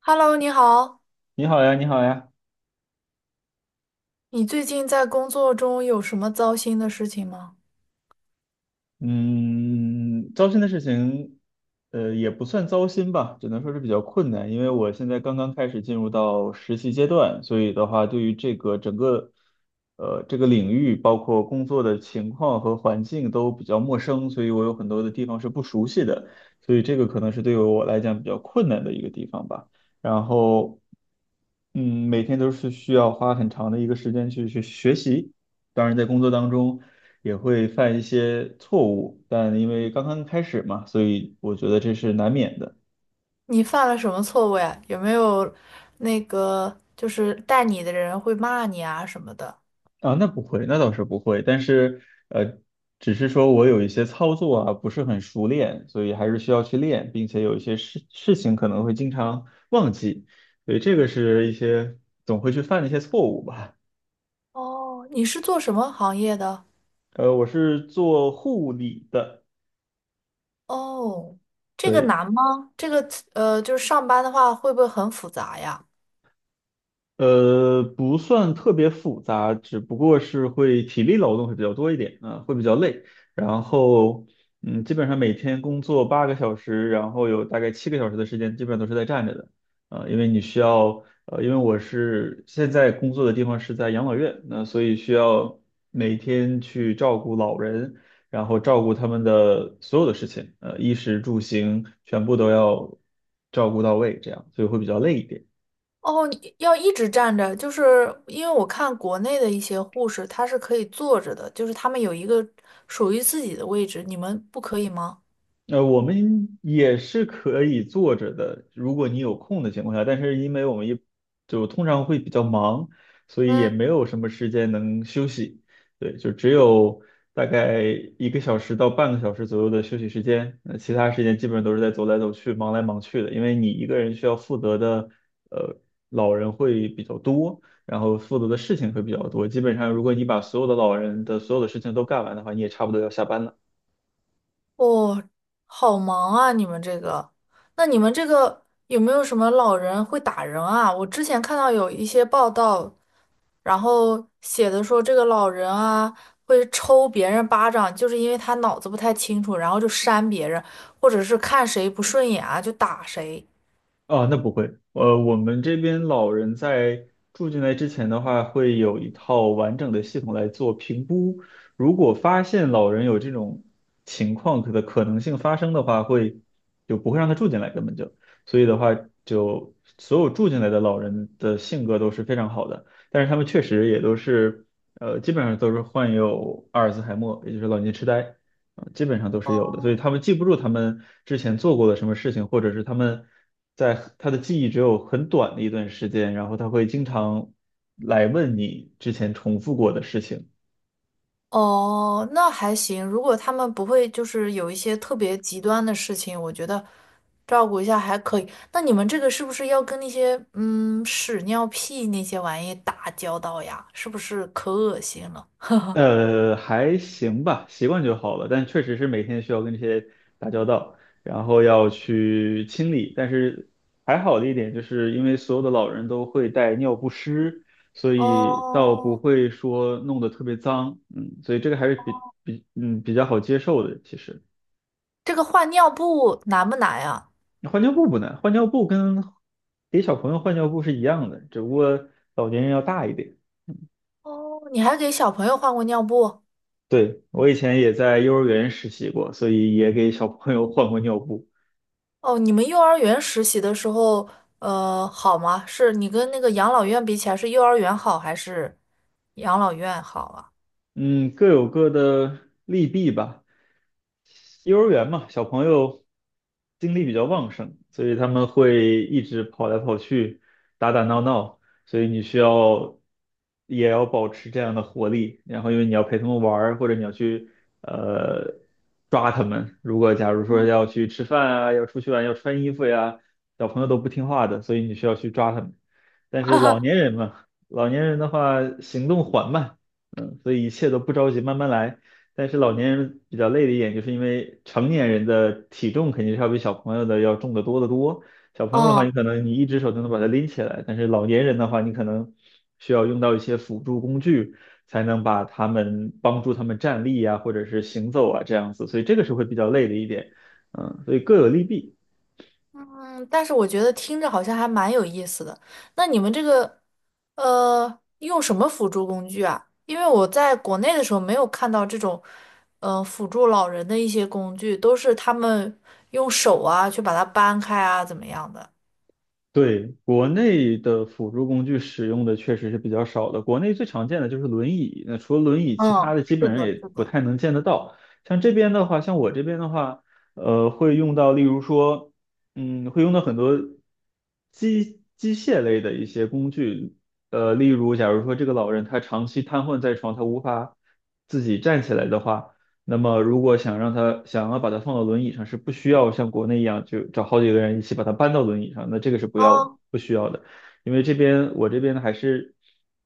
Hello，你好，你好呀，你好呀。你最近在工作中有什么糟心的事情吗？嗯，糟心的事情，也不算糟心吧，只能说是比较困难，因为我现在刚刚开始进入到实习阶段，所以的话，对于这个整个，这个领域，包括工作的情况和环境都比较陌生，所以我有很多的地方是不熟悉的，所以这个可能是对于我来讲比较困难的一个地方吧。然后，每天都是需要花很长的一个时间去学习。当然，在工作当中，也会犯一些错误，但因为刚刚开始嘛，所以我觉得这是难免的。你犯了什么错误呀？有没有带你的人会骂你啊什么的？啊，那不会，那倒是不会，但是呃，只是说我有一些操作啊不是很熟练，所以还是需要去练，并且有一些事情可能会经常忘记，所以这个是一些总会去犯的一些错误吧。哦，你是做什么行业的？我是做护理的。哦，这个对，难吗？就是上班的话会不会很复杂呀？不算特别复杂，只不过是会体力劳动会比较多一点，会比较累。然后，基本上每天工作8个小时，然后有大概7个小时的时间，基本上都是在站着的，因为你需要，因为我是现在工作的地方是在养老院，那所以需要每天去照顾老人，然后照顾他们的所有的事情，衣食住行全部都要照顾到位，这样，所以会比较累一点。哦，你要一直站着，就是因为我看国内的一些护士，她是可以坐着的，就是他们有一个属于自己的位置，你们不可以吗？我们也是可以坐着的，如果你有空的情况下，但是因为我们就通常会比较忙，所以也嗯。没有什么时间能休息。对，就只有大概1个小时到半个小时左右的休息时间，那其他时间基本上都是在走来走去、忙来忙去的。因为你一个人需要负责的，呃，老人会比较多，然后负责的事情会比较多。基本上，如果你把所有的老人的所有的事情都干完的话，你也差不多要下班了。哦，好忙啊！你们这个，那你们这个有没有什么老人会打人啊？我之前看到有一些报道，然后写的说这个老人啊会抽别人巴掌，就是因为他脑子不太清楚，然后就扇别人，或者是看谁不顺眼啊就打谁。啊，那不会。我们这边老人在住进来之前的话，会有一套完整的系统来做评估。如果发现老人有这种情况的可能性发生的话，就不会让他住进来，根本就。所以的话，就所有住进来的老人的性格都是非常好的，但是他们确实也都是，基本上都是患有阿尔兹海默，也就是老年痴呆。基本上都是有的，所以他哦，们记不住他们之前做过的什么事情，或者是他们在他的记忆只有很短的一段时间，然后他会经常来问你之前重复过的事情。哦，那还行。如果他们不会就是有一些特别极端的事情，我觉得照顾一下还可以。那你们这个是不是要跟那些屎尿屁那些玩意打交道呀？是不是可恶心了？还行吧，习惯就好了。但确实是每天需要跟这些打交道，然后要去清理。但是还好的一点，就是因为所有的老人都会带尿不湿，所以倒不哦，会说弄得特别脏。嗯，所以这个还是比较好接受的。其实这个换尿布难不难呀？换尿布不难，换尿布跟给小朋友换尿布是一样的，只不过老年人要大一点。哦，你还给小朋友换过尿布？对，我以前也在幼儿园实习过，所以也给小朋友换过尿布。哦，你们幼儿园实习的时候，好吗？是你跟那个养老院比起来，是幼儿园好还是养老院好啊？嗯，各有各的利弊吧。幼儿园嘛，小朋友精力比较旺盛，所以他们会一直跑来跑去，打打闹闹，所以你需要也要保持这样的活力。然后，因为你要陪他们玩儿或者你要去呃抓他们。如果假如说要去吃饭啊，要出去玩，要穿衣服呀，小朋友都不听话的，所以你需要去抓他们。但是老年人嘛，老年人的话行动缓慢。所以一切都不着急，慢慢来。但是老年人比较累的一点，就是因为成年人的体重肯定是要比小朋友的要重得多得多。小朋友的话，你嗯，可能你一只手就能把它拎起来，但是老年人的话，你可能需要用到一些辅助工具，才能把他们帮助他们站立啊，或者是行走啊这样子。所以这个是会比较累的一点。所以各有利弊。但是我觉得听着好像还蛮有意思的。那你们这个，用什么辅助工具啊？因为我在国内的时候没有看到这种，辅助老人的一些工具，都是他们用手啊去把它搬开啊，怎么样的？对，国内的辅助工具使用的确实是比较少的。国内最常见的就是轮椅，那除了轮椅，其他嗯，的基是本上的，也是不的。太能见得到。像这边的话，像我这边的话，会用到，例如说，会用到很多机械类的一些工具，例如，假如说这个老人他长期瘫痪在床，他无法自己站起来的话。那么如果想要把它放到轮椅上，是不需要像国内一样就找好几个人一起把它搬到轮椅上，那这个是不要嗯，不需要的，因为我这边还是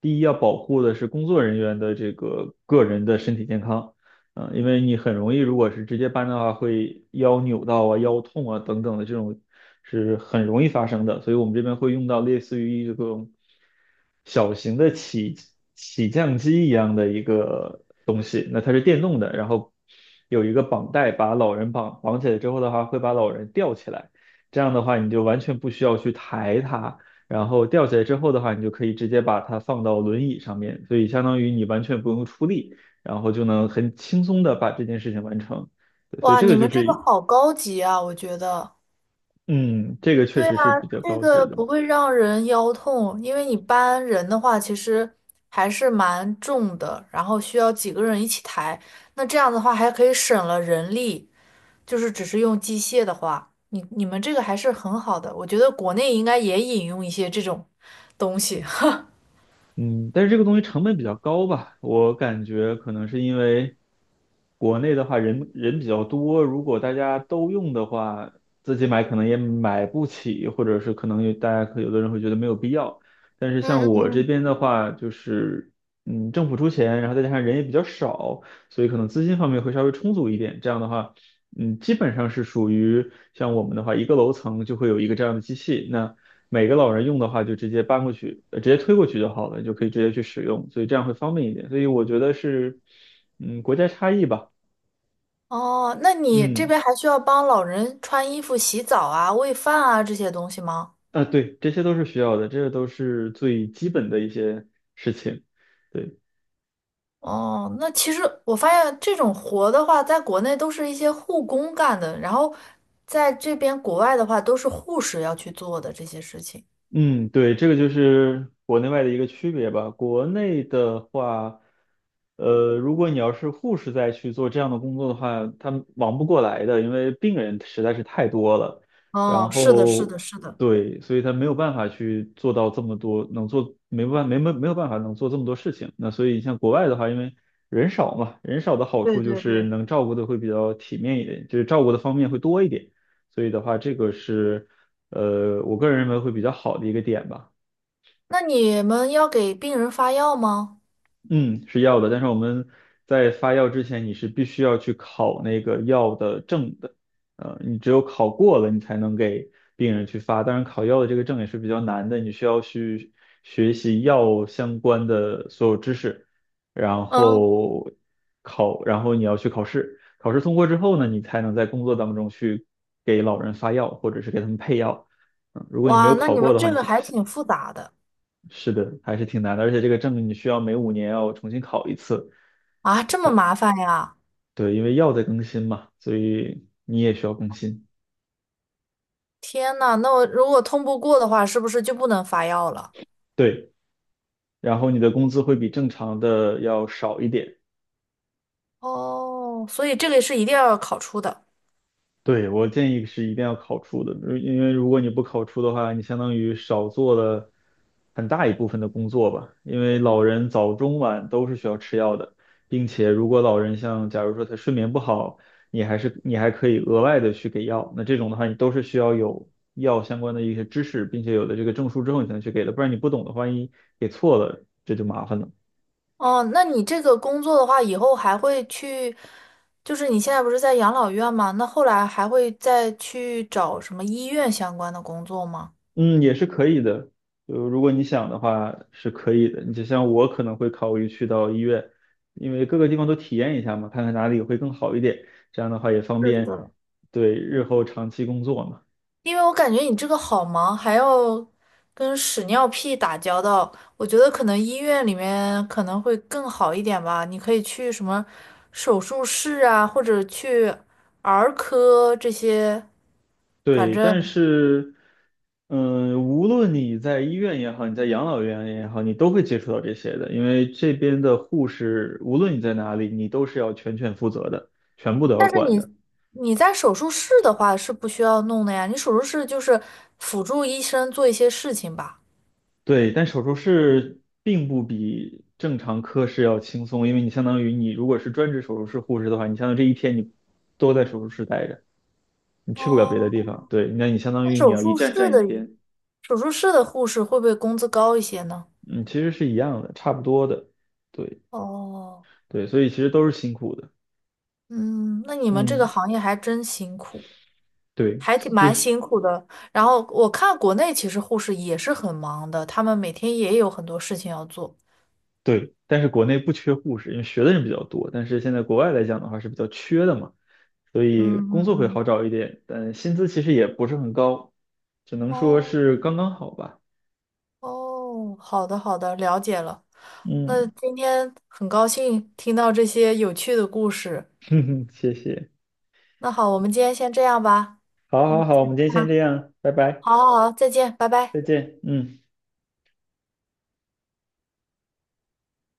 第一要保护的是工作人员的这个个人的身体健康。因为你很容易，如果是直接搬的话，会腰扭到啊、腰痛啊等等的这种是很容易发生的，所以我们这边会用到类似于这种小型的起降机一样的一个，那它是电动的，然后有一个绑带把老人绑起来之后的话，会把老人吊起来。这样的话，你就完全不需要去抬它，然后吊起来之后的话，你就可以直接把它放到轮椅上面，所以相当于你完全不用出力，然后就能很轻松的把这件事情完成。对，所以哇，这你个就们这个是，好高级啊，我觉得。嗯，这个确对啊，实是比较这高级个的。不会让人腰痛，因为你搬人的话，其实还是蛮重的，然后需要几个人一起抬。那这样的话，还可以省了人力，就是只是用机械的话，你们这个还是很好的。我觉得国内应该也引用一些这种东西。嗯，但是这个东西成本比较高吧，我感觉可能是因为国内的话人比较多，如果大家都用的话，自己买可能也买不起，或者是可能有大家可有的人会觉得没有必要。但是嗯像嗯我这嗯。边的话，就是政府出钱，然后再加上人也比较少，所以可能资金方面会稍微充足一点。这样的话，基本上是属于像我们的话，一个楼层就会有一个这样的机器，那，每个老人用的话，就直接搬过去，直接推过去就好了，就可以直接去使用，所以这样会方便一点。所以我觉得是，国家差异吧。哦，那你这嗯，边还需要帮老人穿衣服、洗澡啊、喂饭啊这些东西吗？对，这些都是需要的，这些都是最基本的一些事情，对。哦，那其实我发现这种活的话，在国内都是一些护工干的，然后在这边国外的话，都是护士要去做的这些事情。嗯，对，这个就是国内外的一个区别吧。国内的话，如果你要是护士再去做这样的工作的话，他忙不过来的，因为病人实在是太多了。然哦，是的，是后，的，是的，对，所以他没有办法去做到这么多，能做没办没没没有办法能做这么多事情。那所以像国外的话，因为人少嘛，人少的好对处就对是对。能照顾的会比较体面一点，就是照顾的方面会多一点。所以的话，这个是。我个人认为会比较好的一个点吧。那你们要给病人发药吗？嗯，是药的，但是我们在发药之前，你是必须要去考那个药的证的。你只有考过了，你才能给病人去发。当然，考药的这个证也是比较难的，你需要去学习药相关的所有知识，然嗯，后考，然后你要去考试。考试通过之后呢，你才能在工作当中去给老人发药，或者是给他们配药。如果你没哇，有那考你过们的话，这你个是不还行挺的。复杂的是的，还是挺难的，而且这个证你需要每5年要重新考一次。啊，这么麻烦呀！对，因为药在更新嘛，所以你也需要更新。天呐，那我如果通不过的话，是不是就不能发药了？对，然后你的工资会比正常的要少一点。哦，所以这个是一定要考出的。对，我建议是一定要考出的，因为如果你不考出的话，你相当于少做了很大一部分的工作吧。因为老人早中晚都是需要吃药的，并且如果老人像假如说他睡眠不好，你还可以额外的去给药，那这种的话你都是需要有药相关的一些知识，并且有了这个证书之后你才能去给的，不然你不懂的话，万一给错了，这就麻烦了。哦，那你这个工作的话，以后还会去，就是你现在不是在养老院吗？那后来还会再去找什么医院相关的工作吗？嗯，也是可以的。就如果你想的话，是可以的。你就像我可能会考虑去到医院，因为各个地方都体验一下嘛，看看哪里会更好一点。这样的话也方是便的。对日后长期工作嘛。因为我感觉你这个好忙，还要跟屎尿屁打交道，我觉得可能医院里面可能会更好一点吧。你可以去什么手术室啊，或者去儿科这些，反对，但正。是，无论你在医院也好，你在养老院也好，你都会接触到这些的，因为这边的护士，无论你在哪里，你都是要全权负责的，全部都要但是管的。你你在手术室的话是不需要弄的呀，你手术室就是辅助医生做一些事情吧。对，但手术室并不比正常科室要轻松，因为你相当于你如果是专职手术室护士的话，你相当于这一天你都在手术室待着，你去不了别的哦，地方。对，那你相当那于你手要一术站室站一的天。手术室的护士会不会工资高一些呢？嗯，其实是一样的，差不多的。对，哦，对，所以其实都是辛苦的。嗯，那你们这个嗯，行业还真辛苦，对，还挺就蛮是。辛苦的。然后我看国内其实护士也是很忙的，他们每天也有很多事情要做。对，但是国内不缺护士，因为学的人比较多。但是现在国外来讲的话是比较缺的嘛，所以嗯工嗯作会好嗯。找一点，但薪资其实也不是很高，只能说哦。是刚刚好吧。哦，好的好的，了解了。那嗯，今天很高兴听到这些有趣的故事。哼哼谢谢。那好，我们今天先这样吧。好，好，嗯，好，我们今天先这样，拜拜，好好好，再见，拜拜。再见。嗯。